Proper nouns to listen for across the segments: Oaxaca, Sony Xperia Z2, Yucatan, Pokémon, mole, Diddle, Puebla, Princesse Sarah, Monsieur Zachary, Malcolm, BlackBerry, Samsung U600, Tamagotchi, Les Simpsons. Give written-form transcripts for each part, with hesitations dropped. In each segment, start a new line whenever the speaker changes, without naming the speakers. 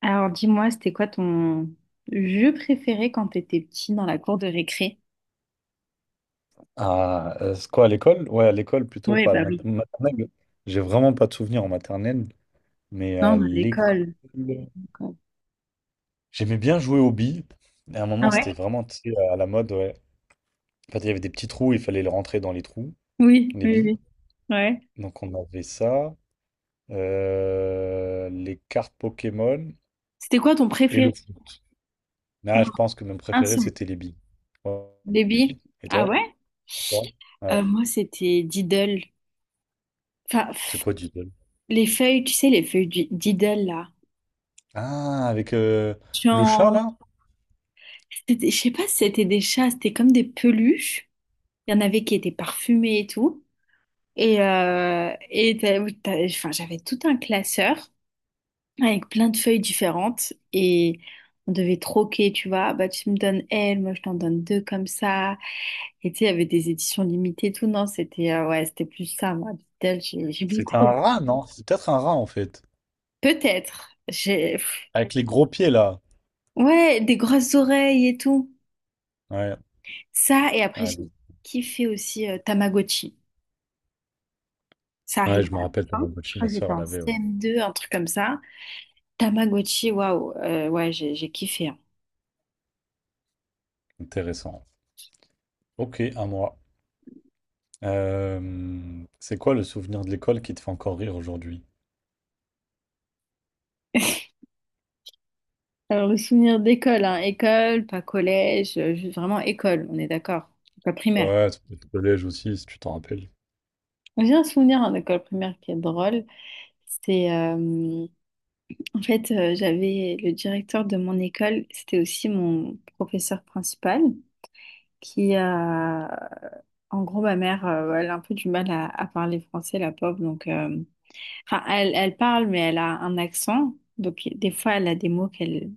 Alors dis-moi, c'était quoi ton jeu préféré quand t'étais petit dans la cour de récré?
Ah, c'est quoi, à l'école? Ouais, à l'école plutôt,
Oui,
pas à la
bah oui.
maternelle. J'ai vraiment pas de souvenirs en maternelle, mais à
Non, mais à
l'école.
l'école. L'école.
J'aimais bien jouer aux billes. Et à un
Ah
moment,
ouais?
c'était vraiment, tu sais, à la mode, ouais. En fait, il y avait des petits trous, il fallait les rentrer dans les trous,
Oui,
les
oui,
billes.
oui. Ouais.
Donc, on avait ça, les cartes Pokémon
C'était quoi ton
et
préféré?
le foot. Ah,
Non,
je pense que mon
un
préféré,
seul.
c'était les billes. Ouais, les billes.
Baby?
Et
Ah
toi?
ouais?
Toi.
Euh,
Ouais.
moi, c'était Diddle. Enfin,
C'est
pff,
quoi Diddle?
les feuilles, tu sais, les feuilles du Diddle, là.
Ah, avec le chat,
Genre,
là?
je sais pas si c'était des chats, c'était comme des peluches. Il y en avait qui étaient parfumés et tout. Et enfin, j'avais tout un classeur avec plein de feuilles différentes et on devait troquer, tu vois, ah bah tu me donnes elle, moi je t'en donne deux comme ça. Et tu sais, il y avait des éditions limitées, et tout, non, c'était ouais, c'était plus ça, moi, Beatles, j'ai
C'est
beaucoup
un
aimé.
rat, non? C'est peut-être un rat, en fait.
Peut-être, j'ai, pff,
Avec les gros pieds, là.
ouais, des grosses oreilles et tout.
Ouais.
Ça, et après
Ah.
j'ai kiffé aussi Tamagotchi. Ça
Ouais,
arrive
je
à
me
la
rappelle
fin, je
Tamagotchi, ma
crois que j'étais
soeur
en
l'avait, ouais.
CM2, un truc comme ça. Tamagotchi, waouh, ouais, j'ai kiffé, hein.
Intéressant. Ok, à moi. C'est quoi le souvenir de l'école qui te fait encore rire aujourd'hui?
Alors, le souvenir d'école, hein, école, pas collège, juste vraiment école, on est d'accord, école primaire.
Ouais, ça peut être le collège aussi, si tu t'en rappelles.
J'ai un souvenir en école primaire qui est drôle. C'est en fait, j'avais le directeur de mon école, c'était aussi mon professeur principal, qui a, en gros, ma mère, elle a un peu du mal à parler français, la pauvre, donc enfin, elle, elle parle, mais elle a un accent. Donc, des fois, elle a des mots qu'elle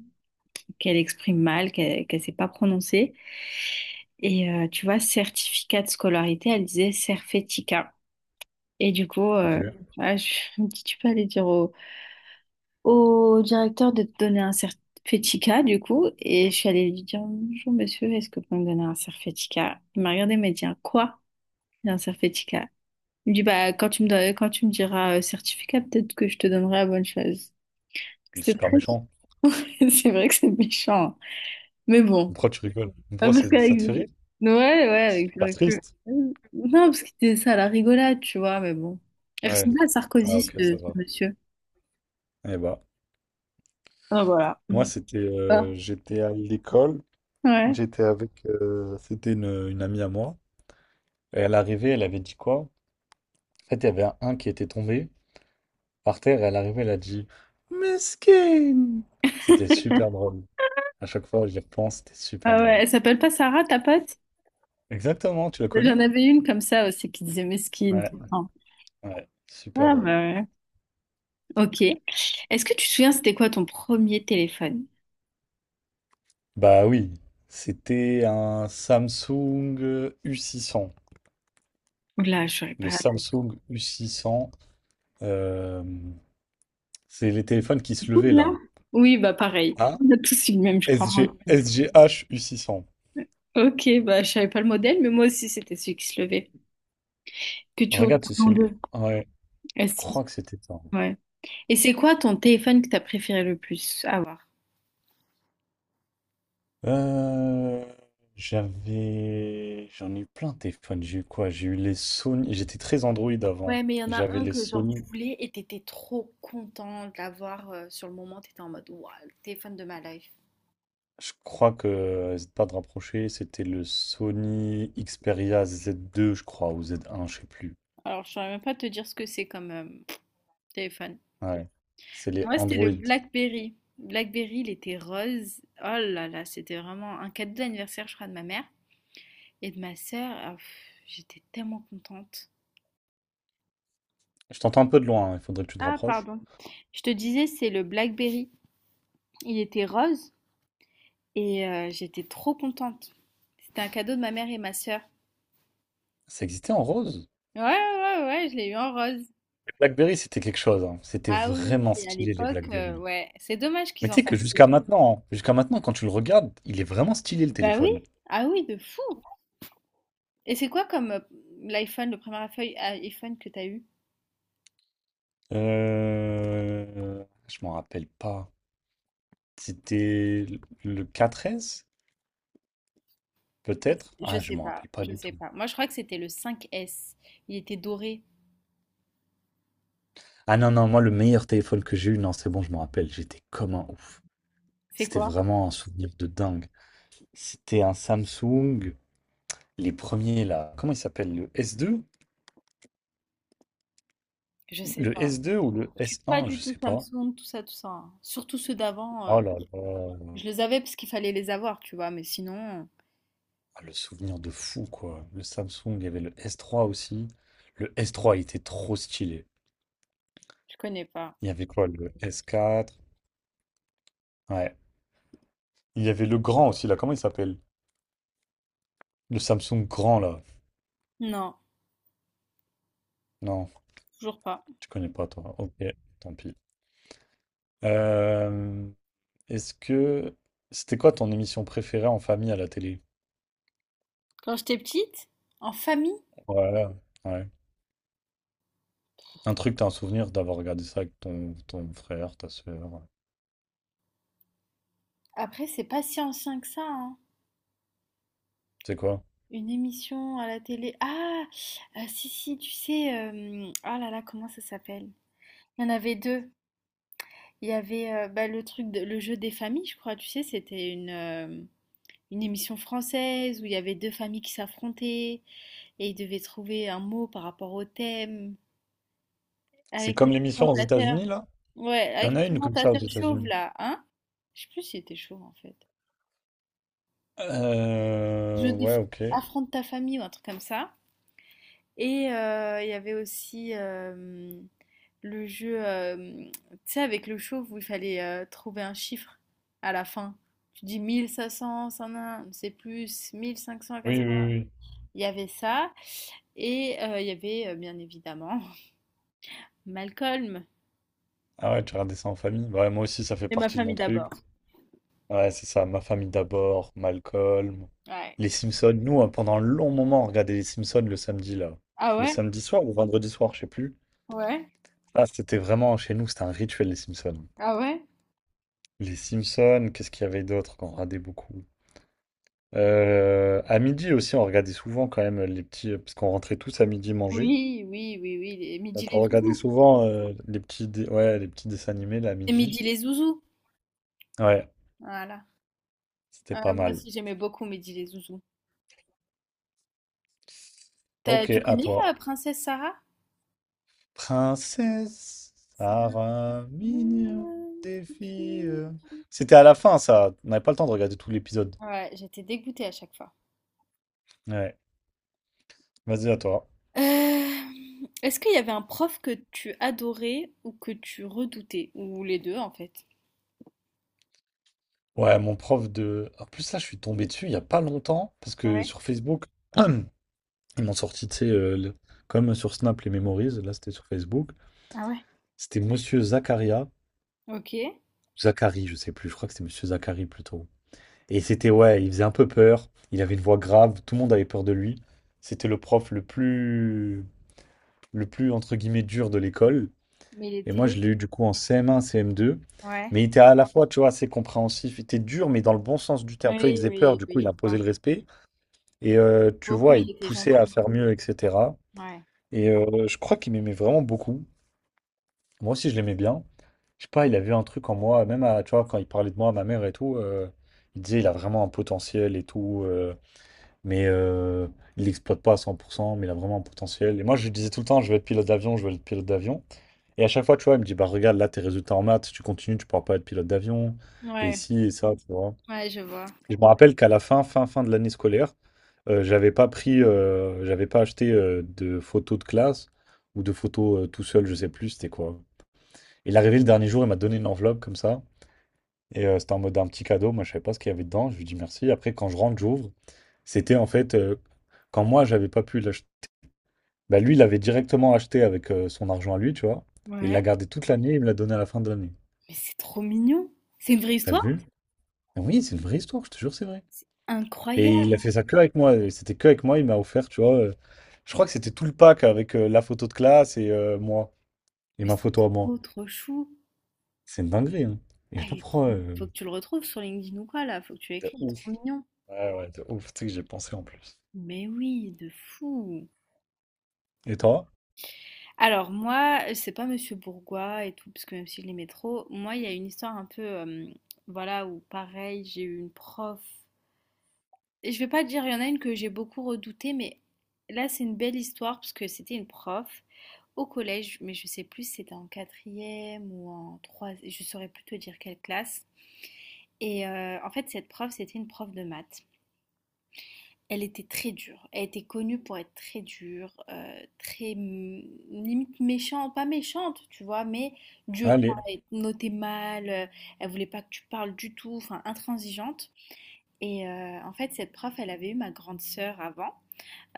qu'elle exprime mal, qu'elle ne sait pas prononcer. Tu vois, certificat de scolarité, elle disait Cerfetica. Et du coup,
Ok.
euh,
Il
voilà, je me dis, tu peux aller dire au, au directeur de te donner un certificat, du coup. Et je suis allée lui dire, bonjour monsieur, est-ce que vous pouvez me donner un certificat? Il m'a regardé, il m'a dit, un quoi? Un certificat. Il me dit, bah, quand tu me diras certificat, peut-être que je te donnerai la bonne chose.
est
C'était
super
très...
méchant.
C'est vrai que c'est méchant, hein. Mais bon.
Pourquoi tu rigoles?
Ah,
Pourquoi
parce
ça te
qu'avec...
fait rire?
Ouais, ouais,
C'est
avec le
super
recul.
triste.
Non, parce que c'était ça, la rigolade, tu vois, mais bon. Il
Ouais.
ressemblait à
Ah,
Sarkozy,
ok,
ce,
ça
ce
va.
monsieur.
Eh bah,
Ah, voilà.
moi, c'était,
Ah,
j'étais à l'école.
ouais.
J'étais avec, c'était une amie à moi. Et elle arrivait, elle avait dit quoi? En fait, il y avait un qui était tombé. Par terre, elle arrivait, elle a dit: Mesquine! C'était super drôle. À chaque fois que j'y repense, c'était super
Ah ouais,
drôle.
elle s'appelle pas Sarah, ta pote?
Exactement, tu la
J'en
connais?
avais une comme ça aussi qui disait mesquine
Ouais,
tout le temps.
ouais, super
Ah bah
drôle.
ouais. Ok. Est-ce que tu te souviens, c'était quoi ton premier téléphone?
Bah oui, c'était un Samsung U600.
Là, je saurais pas.
Le Samsung U600, euh, c'est les téléphones qui se levaient
Là?
là.
Oui, bah pareil.
Ah,
On a tous eu le même, je
S
crois.
S G S G H u six cents.
Ok, bah je savais pas le modèle, mais moi aussi, c'était celui qui se levait. Que tu ouvres
Regarde, c'est
en
celui.
deux.
Ouais,
Ah
je
si,
crois que c'était ça.
ouais. Et c'est quoi ton téléphone que t'as préféré le plus avoir?
Euh, j'en ai eu plein de téléphones. J'ai eu quoi? J'ai eu les Sony. J'étais très Android avant.
Ouais, mais il y en a
J'avais
un
les
que genre tu
Sony.
voulais et t'étais trop content de l'avoir sur le moment, t'étais en mode waouh, le téléphone de ma life.
Je crois que, n'hésite pas de rapprocher, c'était le Sony Xperia Z2, je crois, ou Z1, je sais plus.
Alors, je saurais même pas te dire ce que c'est comme téléphone.
Ouais. C'est les
Moi, c'était le
Android.
BlackBerry. BlackBerry, il était rose. Oh là là, c'était vraiment un cadeau d'anniversaire, je crois, de ma mère et de ma sœur. Ah, pff, j'étais tellement contente.
Je t'entends un peu de loin, hein. Il faudrait que tu te
Ah,
rapproches.
pardon. Je te disais, c'est le BlackBerry. Il était rose. J'étais trop contente. C'était un cadeau de ma mère et ma sœur.
Ça existait en rose.
Ouais, ouais, ouais, je l'ai eu en rose.
Les BlackBerry, c'était quelque chose, hein. C'était
Ah oui, oui,
vraiment
et à
stylé, les
l'époque,
BlackBerry.
ouais, c'est dommage
Mais
qu'ils
tu
en
sais que
fassent plus.
jusqu'à maintenant, hein, jusqu'à maintenant, quand tu le regardes, il est vraiment stylé, le
Bah oui,
téléphone.
ah oui, de fou. Et c'est quoi comme l'iPhone, le premier iPhone que t'as eu?
Je m'en rappelle pas. C'était le 4S, peut-être?
Je
Ah, je
sais
m'en
pas,
rappelle pas
je
du
sais
tout.
pas. Moi, je crois que c'était le 5S. Il était doré.
Ah non, non, moi, le meilleur téléphone que j'ai eu, non, c'est bon, je m'en rappelle, j'étais comme un ouf.
C'est
C'était
quoi?
vraiment un souvenir de dingue. C'était un Samsung, les premiers là. Comment il s'appelle? Le S2?
Je sais
Le
pas.
S2 ou le
Je suis pas
S1,
du
je
tout
sais pas.
Samsung, tout ça, tout ça, hein. Surtout ceux d'avant,
Oh là là,
je les avais parce qu'il fallait les avoir, tu vois, mais sinon,
ah, le souvenir de fou, quoi. Le Samsung, il y avait le S3 aussi. Le S3, il était trop stylé.
je connais pas.
Il y avait quoi? Le S4? Ouais. Il y avait le grand aussi, là. Comment il s'appelle? Le Samsung grand, là.
Non,
Non,
toujours pas.
tu connais pas, toi. Ok, tant pis. Euh, Est-ce que... C'était quoi ton émission préférée en famille à la télé?
Quand j'étais petite, en famille,
Voilà. Ouais. Un truc, t'as un souvenir d'avoir regardé ça avec ton frère, ta soeur, ouais.
après, c'est pas si ancien que ça, hein.
C'est quoi?
Une émission à la télé. Ah, si, si, tu sais, ah là là, comment ça s'appelle? Il y en avait deux. Il y avait bah, le jeu des familles, je crois. Tu sais, c'était une émission française où il y avait deux familles qui s'affrontaient et ils devaient trouver un mot par rapport au thème
C'est
avec
comme
le
l'émission aux États-Unis,
présentateur.
là?
Ouais,
Il y en
avec le
a une comme ça aux
présentateur chauve
États-Unis.
là, hein? Je sais plus s'il était chauve en fait. Je
Ouais,
déf-
ok.
affronte ta famille ou un truc comme ça. Il y avait aussi le jeu, tu sais, avec le chauve où il fallait trouver un chiffre à la fin. Tu dis 1500, ça un, c'est plus, 1500,
Oui,
400.
oui, oui.
Il y avait ça. Et il y avait, bien évidemment, Malcolm.
Ah ouais, tu regardais ça en famille? Ouais, moi aussi, ça fait
Et ma
partie de mon
famille
truc.
d'abord.
Ouais, c'est ça, Ma famille d'abord, Malcolm,
Ouais.
Les Simpsons. Nous, hein, pendant un long moment, on regardait Les Simpsons le samedi, là.
Ah
Le
ouais?
samedi soir ou vendredi soir, je sais plus.
Ouais.
Ah, c'était vraiment, chez nous, c'était un rituel, Les Simpsons.
Ah ouais?
Les Simpsons, qu'est-ce qu'il y avait d'autre qu'on regardait beaucoup? À midi aussi, on regardait souvent quand même les petits, parce qu'on rentrait tous à midi manger.
Oui, oui, oui, oui, Midi
Donc on
les
regardait
zouzous.
souvent les petits, ouais, les petits dessins animés, là, à
Et
midi.
Midi les zouzous.
Ouais,
Voilà.
c'était pas
Ah, moi
mal.
aussi, j'aimais beaucoup Midi les zouzous.
Ok,
Tu
à
connais
toi.
Princesse Sarah?
Princesse
Sarah,
Sarah, mignonne des
petite fille.
filles. C'était à la fin, ça. On n'avait pas le temps de regarder tout l'épisode.
Ouais, j'étais dégoûtée à chaque fois.
Ouais, vas-y, à toi.
Est-ce qu'il y avait un prof que tu adorais ou que tu redoutais? Ou les deux en fait.
Ouais, mon prof de. En plus, là, je suis tombé dessus il n'y a pas longtemps, parce que
Ouais.
sur Facebook, ils m'ont sorti, tu sais, comme sur Snap, les Memories. Là, c'était sur Facebook.
Ah ouais.
C'était Monsieur Zakaria.
Ok.
Zachary, je sais plus, je crois que c'était Monsieur Zachary plutôt. Et c'était, ouais, il faisait un peu peur. Il avait une voix grave, tout le monde avait peur de lui. C'était le prof le plus entre guillemets dur de l'école.
Mais il
Et moi, je
était.
l'ai eu du coup en CM1, CM2.
Ouais.
Mais il était à la fois, tu vois, assez compréhensif. Il était dur, mais dans le bon sens du terme. Tu vois, il
Oui,
faisait peur,
oui,
du coup, il
oui, je
imposait
vois.
le respect. Et tu
Au fond,
vois, il
il
te
était
poussait
gentil.
à faire mieux, etc.
Ouais.
Et je crois qu'il m'aimait vraiment beaucoup. Moi aussi, je l'aimais bien. Je sais pas, il avait un truc en moi, même à, tu vois, quand il parlait de moi à ma mère et tout, il disait il a vraiment un potentiel et tout, mais il l'exploite pas à 100% mais il a vraiment un potentiel. Et moi, je lui disais tout le temps, je veux être pilote d'avion, je veux être pilote d'avion. Et à chaque fois, tu vois, il me dit, bah regarde, là, tes résultats en maths, si tu continues, tu pourras pas être pilote d'avion. Et
Ouais,
ici, et ça, tu vois.
ouais, je vois.
Et je me rappelle qu'à la fin de l'année scolaire, j'avais pas pris, j'avais pas acheté de photos de classe ou de photos tout seul, je sais plus, c'était quoi. Il est arrivé le dernier jour, il m'a donné une enveloppe comme ça. Et c'était en mode un petit cadeau, moi je savais pas ce qu'il y avait dedans, je lui dis merci. Après, quand je rentre, j'ouvre. C'était en fait, quand moi j'avais pas pu l'acheter, bah, lui il l'avait directement acheté avec son argent à lui, tu vois. Il l'a
Ouais.
gardé toute l'année, il me l'a donné à la fin de l'année.
Mais c'est trop mignon. C'est une vraie
T'as
histoire?
vu? Ah oui, c'est une vraie histoire, je te jure, c'est vrai.
C'est
Et il
incroyable.
a fait ça que avec moi. Et c'était que avec moi. Il m'a offert, tu vois, je crois que c'était tout le pack avec la photo de classe et moi. Et
Mais
ma
c'est
photo à moi.
trop, trop chou.
C'est une dinguerie, hein. Et je
Ah,
sais pas
il est trop,
pourquoi,
faut que tu le retrouves sur LinkedIn ou quoi là, faut que tu l'écris,
de
il est trop
ouf.
mignon.
Ouais, ouais, de ouf. Tu sais que j'ai pensé en plus.
Mais oui, de fou.
Et toi?
Alors moi, c'est pas Monsieur Bourgois et tout, parce que même si je l'aimais trop, moi il y a une histoire un peu, voilà, où pareil, j'ai eu une prof. Et je vais pas dire, il y en a une que j'ai beaucoup redoutée, mais là c'est une belle histoire parce que c'était une prof au collège, mais je sais plus si c'était en quatrième ou en troisième, je saurais plus te dire quelle classe. En fait, cette prof, c'était une prof de maths. Elle était très dure. Elle était connue pour être très dure, très mm, limite méchante, pas méchante, tu vois, mais dure.
Allez.
Elle notait mal, elle voulait pas que tu parles du tout, enfin intransigeante. En fait, cette prof, elle avait eu ma grande sœur avant,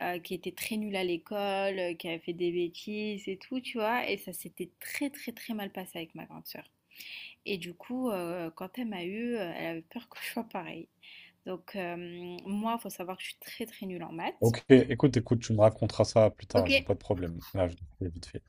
qui était très nulle à l'école, qui avait fait des bêtises et tout, tu vois, et ça s'était très très très mal passé avec ma grande sœur. Et du coup, quand elle m'a eu, elle avait peur que je sois pareil. Donc, moi, il faut savoir que je suis très très nulle en maths.
Ok, écoute, écoute, tu me raconteras ça plus tard. Vas-y, pas
OK
de problème. Là, je vais vite fait.